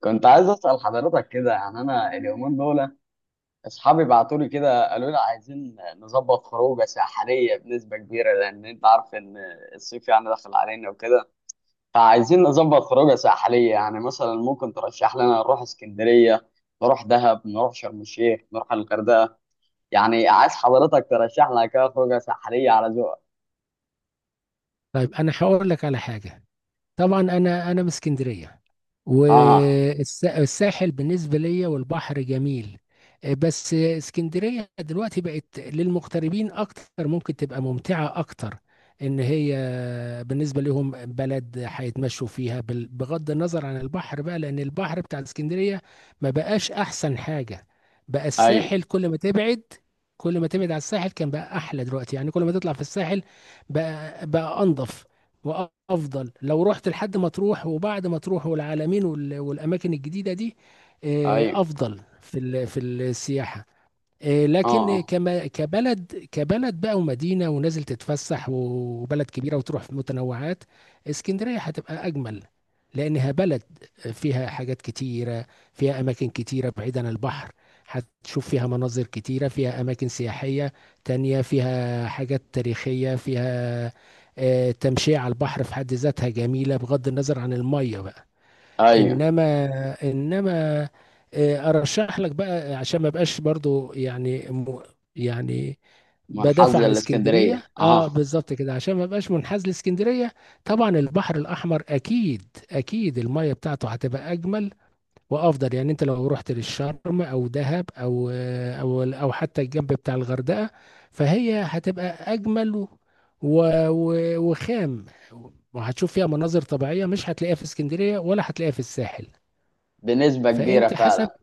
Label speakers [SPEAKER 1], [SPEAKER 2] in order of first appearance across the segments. [SPEAKER 1] كنت عايز اسال حضرتك كده، يعني انا اليومين دول اصحابي بعتوا لي كده، قالوا لي عايزين نظبط خروجه ساحليه بنسبه كبيره، لان انت عارف ان الصيف يعني داخل علينا وكده. فعايزين نظبط خروجه ساحليه، يعني مثلا ممكن ترشح لنا نروح اسكندريه، نروح دهب، نروح شرم الشيخ، نروح الغردقه. يعني عايز حضرتك ترشح لنا كده خروجه ساحليه على ذوقك.
[SPEAKER 2] طيب انا هقول لك على حاجه. طبعا انا من اسكندريه،
[SPEAKER 1] اه.
[SPEAKER 2] والساحل بالنسبه ليا والبحر جميل. بس اسكندريه دلوقتي بقت للمغتربين اكتر، ممكن تبقى ممتعه اكتر ان هي بالنسبه لهم بلد هيتمشوا فيها بغض النظر عن البحر بقى، لان البحر بتاع اسكندريه ما بقاش احسن حاجه. بقى
[SPEAKER 1] ايوه.
[SPEAKER 2] الساحل كل ما تبعد، على الساحل كان بقى احلى دلوقتي، يعني كل ما تطلع في الساحل بقى انضف. وافضل لو رحت لحد مطروح وبعد مطروح والعلمين والاماكن الجديده دي.
[SPEAKER 1] ايوه.
[SPEAKER 2] افضل في السياحه.
[SPEAKER 1] اه.
[SPEAKER 2] لكن
[SPEAKER 1] اه.
[SPEAKER 2] كما كبلد كبلد بقى ومدينة ونازل تتفسح وبلد كبيرة وتروح في متنوعات، اسكندرية هتبقى أجمل. لأنها بلد فيها حاجات كتيرة، فيها أماكن كتيرة بعيد عن البحر. هتشوف فيها مناظر كتيرة، فيها أماكن سياحية تانية، فيها حاجات تاريخية فيها. تمشية على البحر في حد ذاتها جميلة بغض النظر عن المية بقى.
[SPEAKER 1] ايوه.
[SPEAKER 2] انما انما ارشح لك بقى عشان ما بقاش برضو يعني يعني
[SPEAKER 1] من حظ
[SPEAKER 2] بدافع عن
[SPEAKER 1] الاسكندريه
[SPEAKER 2] اسكندريه،
[SPEAKER 1] اه.
[SPEAKER 2] بالظبط كده عشان ما بقاش منحاز لاسكندريه. طبعا البحر الاحمر اكيد، اكيد الميه بتاعته هتبقى اجمل وافضل، يعني انت لو رحت للشرم او دهب او حتى الجنب بتاع الغردقه، فهي هتبقى اجمل وخام. وهتشوف فيها مناظر طبيعيه مش هتلاقيها في اسكندريه ولا هتلاقيها في الساحل.
[SPEAKER 1] بنسبه كبيره
[SPEAKER 2] فانت حسب
[SPEAKER 1] فعلا.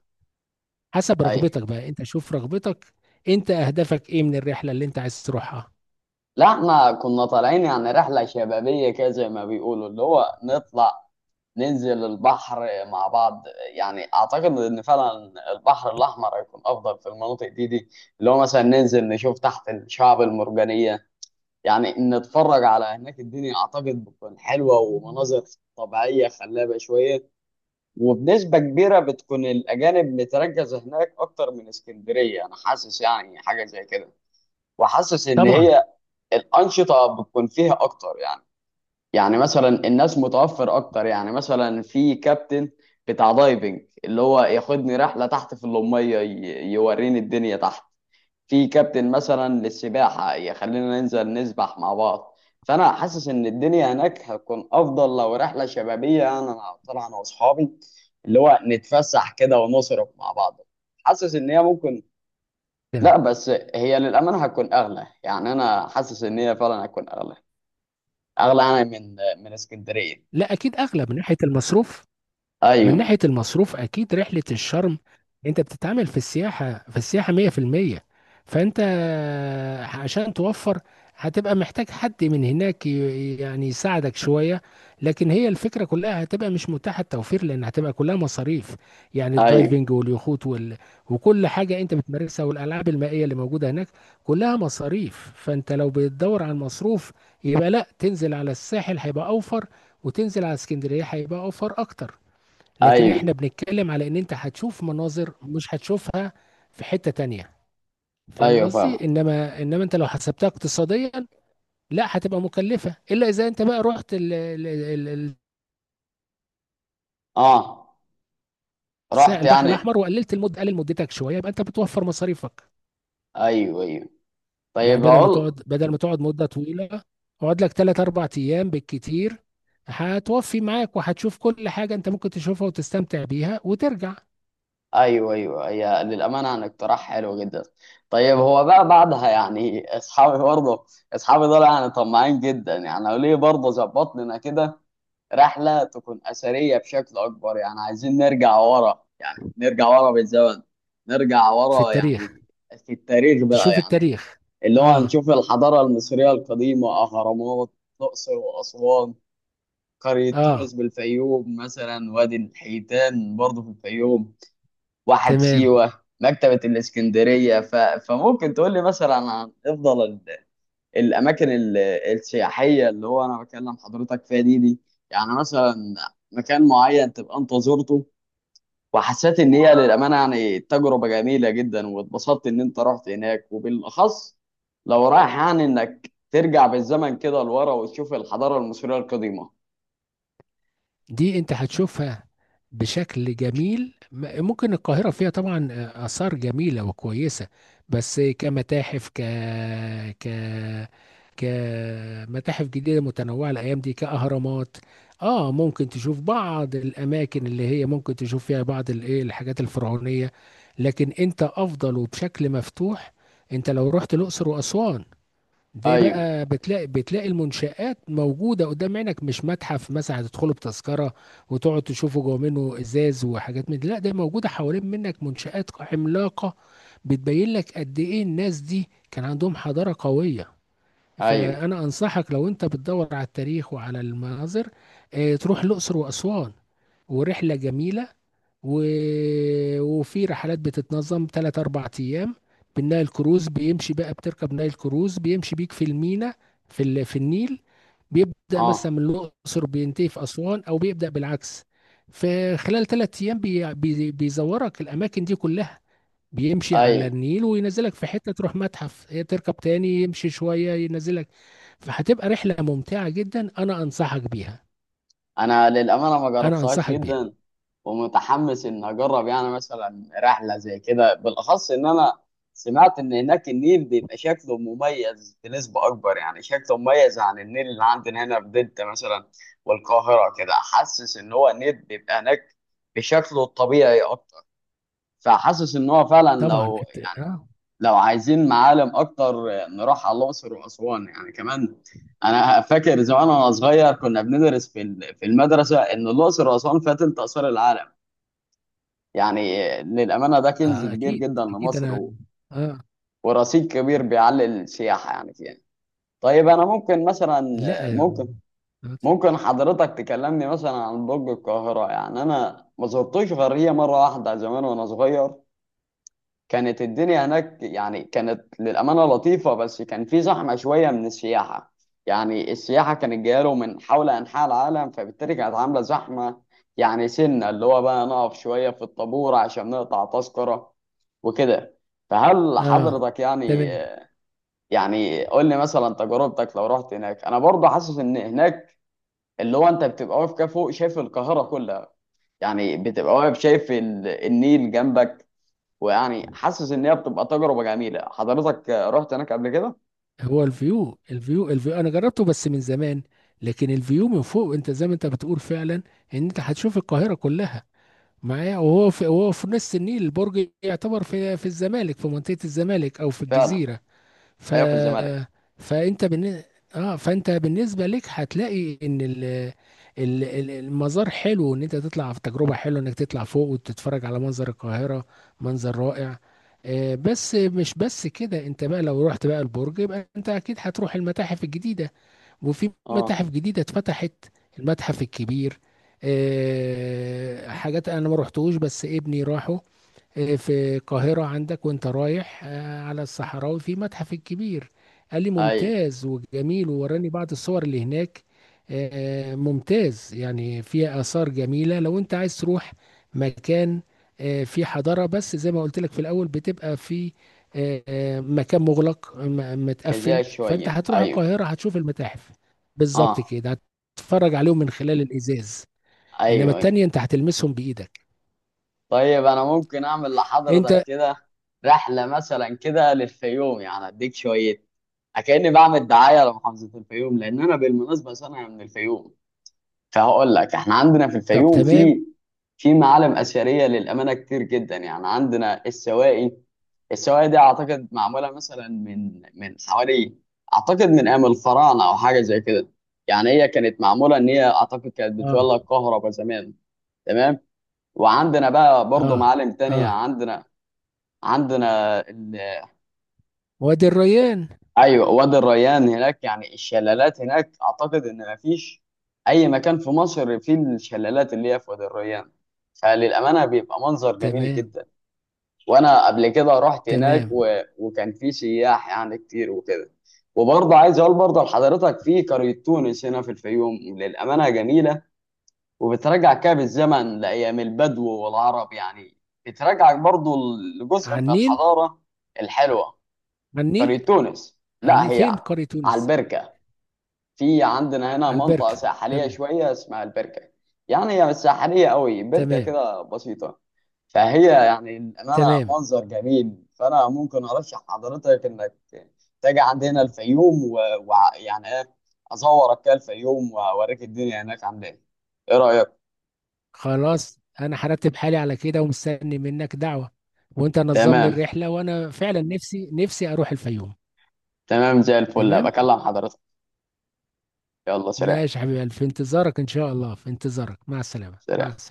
[SPEAKER 2] حسب
[SPEAKER 1] ايوه.
[SPEAKER 2] رغبتك بقى، انت شوف رغبتك، انت اهدافك ايه من الرحله اللي انت عايز تروحها؟
[SPEAKER 1] لا احنا كنا طالعين يعني رحلة شبابية كده زي ما بيقولوا، اللي هو نطلع ننزل البحر مع بعض. يعني اعتقد ان فعلا البحر الاحمر هيكون افضل في المناطق دي، اللي هو مثلا ننزل نشوف تحت الشعب المرجانية، يعني نتفرج على هناك. الدنيا اعتقد بتكون حلوة ومناظر طبيعية خلابة شوية. وبنسبة كبيرة بتكون الأجانب متركزة هناك أكتر من اسكندرية، أنا حاسس يعني حاجة زي كده، وحاسس إن
[SPEAKER 2] طبعا.
[SPEAKER 1] هي الانشطه بتكون فيها اكتر يعني. يعني مثلا الناس متوفر اكتر، يعني مثلا في كابتن بتاع دايفنج اللي هو ياخدني رحله تحت في اللميه، يوريني الدنيا تحت. في كابتن مثلا للسباحه يخلينا ننزل نسبح مع بعض. فانا حاسس ان الدنيا هناك هتكون افضل لو رحله شبابيه، يعني انا طالع انا واصحابي اللي هو نتفسح كده ونصرف مع بعض. حاسس ان هي ممكن. لا
[SPEAKER 2] تمام.
[SPEAKER 1] بس هي للامانه هتكون اغلى، يعني انا حاسس ان هي فعلا هتكون اغلى، اغلى انا من اسكندريه.
[SPEAKER 2] لا، اكيد اغلى من ناحيه المصروف، من
[SPEAKER 1] ايوه.
[SPEAKER 2] ناحية المصروف أكيد رحلة الشرم. أنت بتتعامل في السياحة 100%. فأنت عشان توفر هتبقى محتاج حد من هناك يعني يساعدك شوية. لكن هي الفكرة كلها هتبقى مش متاحة التوفير، لأن هتبقى كلها مصاريف. يعني
[SPEAKER 1] ايوه.
[SPEAKER 2] الدايفنج واليخوت وكل حاجة أنت بتمارسها والألعاب المائية اللي موجودة هناك كلها مصاريف. فأنت لو بتدور على المصروف، يبقى لا تنزل على الساحل هيبقى أوفر، وتنزل على اسكندرية هيبقى أوفر أكتر. لكن
[SPEAKER 1] ايوه.
[SPEAKER 2] احنا بنتكلم على ان انت هتشوف مناظر مش هتشوفها في حتة تانية. فاهم
[SPEAKER 1] ايوه فاهم.
[SPEAKER 2] قصدي؟ انما انت لو حسبتها اقتصاديا، لا هتبقى مكلفة الا اذا انت بقى رحت
[SPEAKER 1] اه. رحت
[SPEAKER 2] البحر
[SPEAKER 1] يعني.
[SPEAKER 2] الاحمر وقللت المدة. قلل مدتك شوية يبقى انت بتوفر مصاريفك.
[SPEAKER 1] ايوه ايوه.
[SPEAKER 2] يعني
[SPEAKER 1] طيب اقول.
[SPEAKER 2] بدل ما تقعد مدة طويلة، اقعد لك 3 4 ايام بالكتير، هتوفي معاك وهتشوف كل حاجة انت ممكن تشوفها وتستمتع بيها وترجع.
[SPEAKER 1] ايوه ايوه هي للامانه يعني اقتراح حلو جدا. طيب هو بقى بعدها يعني اصحابي برضه، اصحابي دول يعني طماعين جدا، يعني قالوا لي برضه ظبط لنا كده رحله تكون اثريه بشكل اكبر، يعني عايزين نرجع ورا، يعني نرجع ورا بالزمن، نرجع
[SPEAKER 2] في
[SPEAKER 1] ورا
[SPEAKER 2] التاريخ.
[SPEAKER 1] يعني. في التاريخ بقى
[SPEAKER 2] تشوف
[SPEAKER 1] يعني.
[SPEAKER 2] التاريخ.
[SPEAKER 1] اللي هو
[SPEAKER 2] اه،
[SPEAKER 1] هنشوف الحضارة المصرية القديمة، أهرامات الأقصر وأسوان، قرية
[SPEAKER 2] اه.
[SPEAKER 1] تونس بالفيوم مثلا، وادي الحيتان برضه في الفيوم، واحة
[SPEAKER 2] تمام.
[SPEAKER 1] سيوة، مكتبة الإسكندرية. فممكن تقول لي مثلا عن أفضل الأماكن السياحية، اللي هو أنا بكلم حضرتك فيها دي. يعني مثلا مكان معين تبقى أنت زرته وحسيت ان هي للامانه يعني تجربه جميله جدا، واتبسطت ان انت رحت هناك. وبالاخص لو رايح يعني انك ترجع بالزمن كده لورا وتشوف الحضاره المصريه القديمه.
[SPEAKER 2] دي انت هتشوفها بشكل جميل. ممكن القاهرة فيها طبعا آثار جميلة وكويسة. بس كمتاحف، ك ك كمتاحف جديدة متنوعة الأيام دي كأهرامات. اه ممكن تشوف بعض الأماكن اللي هي ممكن تشوف فيها بعض الايه الحاجات الفرعونية. لكن انت أفضل، وبشكل مفتوح انت لو رحت الأقصر وأسوان، دي
[SPEAKER 1] ايوه.
[SPEAKER 2] بقى بتلاقي المنشآت موجودة قدام عينك، مش متحف مثلا هتدخله بتذكرة وتقعد تشوفه جوه منه إزاز وحاجات من دي. لا، ده موجودة حوالين منك منشآت عملاقة بتبين لك قد إيه الناس دي كان عندهم حضارة قوية.
[SPEAKER 1] ايوه.
[SPEAKER 2] فأنا أنصحك لو أنت بتدور على التاريخ وعلى المناظر، تروح الأقصر وأسوان، ورحلة جميلة. و... وفي رحلات بتتنظم 3 4 أيام بالنايل كروز بيمشي بقى، بتركب نايل كروز بيمشي بيك في المينا، في النيل. بيبدأ مثلا
[SPEAKER 1] اه.
[SPEAKER 2] من الأقصر بينتهي في أسوان أو بيبدأ بالعكس. فخلال 3 أيام بيزورك الأماكن دي كلها، بيمشي على
[SPEAKER 1] ايوه.
[SPEAKER 2] النيل وينزلك في حتة تروح متحف، هي تركب تاني يمشي شوية ينزلك. فهتبقى رحلة ممتعة جدا. أنا أنصحك بيها.
[SPEAKER 1] انا للامانه ما
[SPEAKER 2] أنا
[SPEAKER 1] جربتهاش
[SPEAKER 2] أنصحك بيها.
[SPEAKER 1] جدا، ومتحمس ان اجرب يعني مثلا رحله زي كده. بالاخص ان انا سمعت ان هناك النيل بيبقى شكله مميز بنسبه اكبر، يعني شكله مميز عن النيل اللي عندنا هنا في دلتا مثلا والقاهره كده. حاسس ان هو النيل بيبقى هناك بشكله الطبيعي اكتر. فحاسس ان هو فعلا
[SPEAKER 2] طبعا.
[SPEAKER 1] لو يعني، لو عايزين معالم اكتر نروح على الاقصر واسوان يعني كمان. انا فاكر زمان وانا صغير كنا بندرس في المدرسه ان الاقصر واسوان فيها تلت اثار العالم يعني. للامانه ده كنز
[SPEAKER 2] آه،
[SPEAKER 1] كبير
[SPEAKER 2] أكيد.
[SPEAKER 1] جدا
[SPEAKER 2] أكيد
[SPEAKER 1] لمصر
[SPEAKER 2] أنا. آه.
[SPEAKER 1] ورصيد كبير بيعلي السياحه يعني فيها. طيب انا ممكن مثلا
[SPEAKER 2] لا،
[SPEAKER 1] ممكن
[SPEAKER 2] اتفضل.
[SPEAKER 1] ممكن حضرتك تكلمني مثلا عن برج القاهره. يعني انا ما زرتوش غير هي مره واحده زمان وانا صغير. كانت الدنيا هناك يعني كانت للأمانة لطيفة، بس كان في زحمة شوية من السياحة. يعني السياحة كانت جاية له من حول أنحاء العالم، فبالتالي كانت عاملة زحمة. يعني سنة اللي هو بقى نقف شوية في الطابور عشان نقطع تذكرة وكده. فهل
[SPEAKER 2] آه،
[SPEAKER 1] حضرتك يعني،
[SPEAKER 2] تمام.
[SPEAKER 1] يعني قول لي مثلا تجربتك لو رحت هناك. انا برضه حاسس ان هناك اللي هو انت بتبقى واقف كده فوق شايف القاهرة كلها، يعني بتبقى واقف شايف النيل جنبك. ويعني حاسس ان هي بتبقى تجربه جميله. حضرتك رحت هناك قبل كده؟
[SPEAKER 2] هو الفيو أنا جربته بس من زمان. لكن الفيو من فوق أنت زي ما أنت بتقول فعلا إن أنت هتشوف القاهرة كلها معايا. وهو في نص النيل، البرج يعتبر في الزمالك، في منطقة الزمالك أو في
[SPEAKER 1] فعلا.
[SPEAKER 2] الجزيرة. ف
[SPEAKER 1] ايوه في الزمالك.
[SPEAKER 2] فانت بالن... اه فانت بالنسبه لك هتلاقي ان المزار حلو، ان انت تطلع، في تجربه حلوه انك تطلع فوق وتتفرج على منظر القاهره. منظر رائع. بس مش بس كده، انت بقى لو رحت بقى البرج، يبقى انت اكيد هتروح المتاحف الجديده. وفي
[SPEAKER 1] اه.
[SPEAKER 2] متاحف جديده اتفتحت، المتحف الكبير. حاجات انا ما رحتوش، بس ابني راحه. في القاهرة عندك وانت رايح على الصحراوي في متحف الكبير، قال لي
[SPEAKER 1] ايوه.
[SPEAKER 2] ممتاز وجميل ووراني بعض الصور اللي هناك. ممتاز، يعني فيها آثار جميلة لو انت عايز تروح مكان فيه حضارة. بس زي ما قلت لك في الأول بتبقى في مكان مغلق، متقفل،
[SPEAKER 1] ازاي
[SPEAKER 2] فانت
[SPEAKER 1] شويه
[SPEAKER 2] هتروح
[SPEAKER 1] ايوه.
[SPEAKER 2] القاهرة هتشوف المتاحف بالظبط
[SPEAKER 1] اه.
[SPEAKER 2] كده، هتتفرج عليهم من خلال الإزاز. انما
[SPEAKER 1] ايوه. ايوه.
[SPEAKER 2] التانية انت هتلمسهم بإيدك.
[SPEAKER 1] طيب انا ممكن اعمل لحضرتك
[SPEAKER 2] انت.
[SPEAKER 1] كده رحله مثلا كده للفيوم يعني اديك شويه، كأني بعمل دعايه لمحافظه الفيوم، لان انا بالمناسبه سنه من الفيوم. فهقول لك احنا عندنا في
[SPEAKER 2] طب،
[SPEAKER 1] الفيوم
[SPEAKER 2] تمام.
[SPEAKER 1] في معالم اثريه للامانه كتير جدا. يعني عندنا السواقي، السواقي دي اعتقد معموله مثلا من حوالي، اعتقد من ايام الفراعنه او حاجه زي كده. يعني هي كانت معموله ان هي اعتقد كانت
[SPEAKER 2] اه،
[SPEAKER 1] بتولد كهرباء زمان. تمام. وعندنا بقى برضو
[SPEAKER 2] اه،
[SPEAKER 1] معالم تانية
[SPEAKER 2] اه.
[SPEAKER 1] عندنا.
[SPEAKER 2] وادي الريان.
[SPEAKER 1] ايوه وادي الريان هناك يعني. الشلالات هناك اعتقد ان مفيش اي مكان في مصر فيه الشلالات اللي هي في وادي الريان. فللامانه بيبقى منظر جميل
[SPEAKER 2] تمام.
[SPEAKER 1] جدا. وانا قبل كده رحت هناك
[SPEAKER 2] تمام.
[SPEAKER 1] وكان في سياح يعني كتير وكده. وبرضه عايز اقول برضه لحضرتك في قريه تونس هنا في الفيوم للامانه جميله، وبترجع كده بالزمن لايام البدو والعرب يعني، بترجعك برضه لجزء
[SPEAKER 2] على
[SPEAKER 1] من
[SPEAKER 2] النيل.
[SPEAKER 1] الحضاره الحلوه.
[SPEAKER 2] على
[SPEAKER 1] قرية
[SPEAKER 2] النيل.
[SPEAKER 1] تونس
[SPEAKER 2] على
[SPEAKER 1] لا
[SPEAKER 2] النيل
[SPEAKER 1] هي
[SPEAKER 2] فين قرية
[SPEAKER 1] على
[SPEAKER 2] تونس؟
[SPEAKER 1] البركة. في عندنا هنا
[SPEAKER 2] على
[SPEAKER 1] منطقة
[SPEAKER 2] البركة.
[SPEAKER 1] ساحلية
[SPEAKER 2] تمام.
[SPEAKER 1] شوية اسمها البركة. يعني هي مش ساحلية قوي، بركة
[SPEAKER 2] تمام.
[SPEAKER 1] كده بسيطة. فهي يعني الأمانة
[SPEAKER 2] تمام.
[SPEAKER 1] منظر جميل. فأنا ممكن أرشح حضرتك إنك تيجي عندنا الفيوم. ويعني يعني إيه، أصورك كده الفيوم وأوريك الدنيا هناك عاملة إيه. إيه رأيك؟
[SPEAKER 2] خلاص، انا هرتب حالي على كده ومستني منك دعوة. وانت نظم لي
[SPEAKER 1] تمام.
[SPEAKER 2] الرحلة، وانا فعلا نفسي نفسي اروح الفيوم.
[SPEAKER 1] تمام زي الفل.
[SPEAKER 2] تمام.
[SPEAKER 1] بكلم حضرتك. يلا سلام.
[SPEAKER 2] ماشي يا حبيبي، في انتظارك ان شاء الله، في انتظارك، مع السلامة، مع
[SPEAKER 1] سلام.
[SPEAKER 2] السلامة.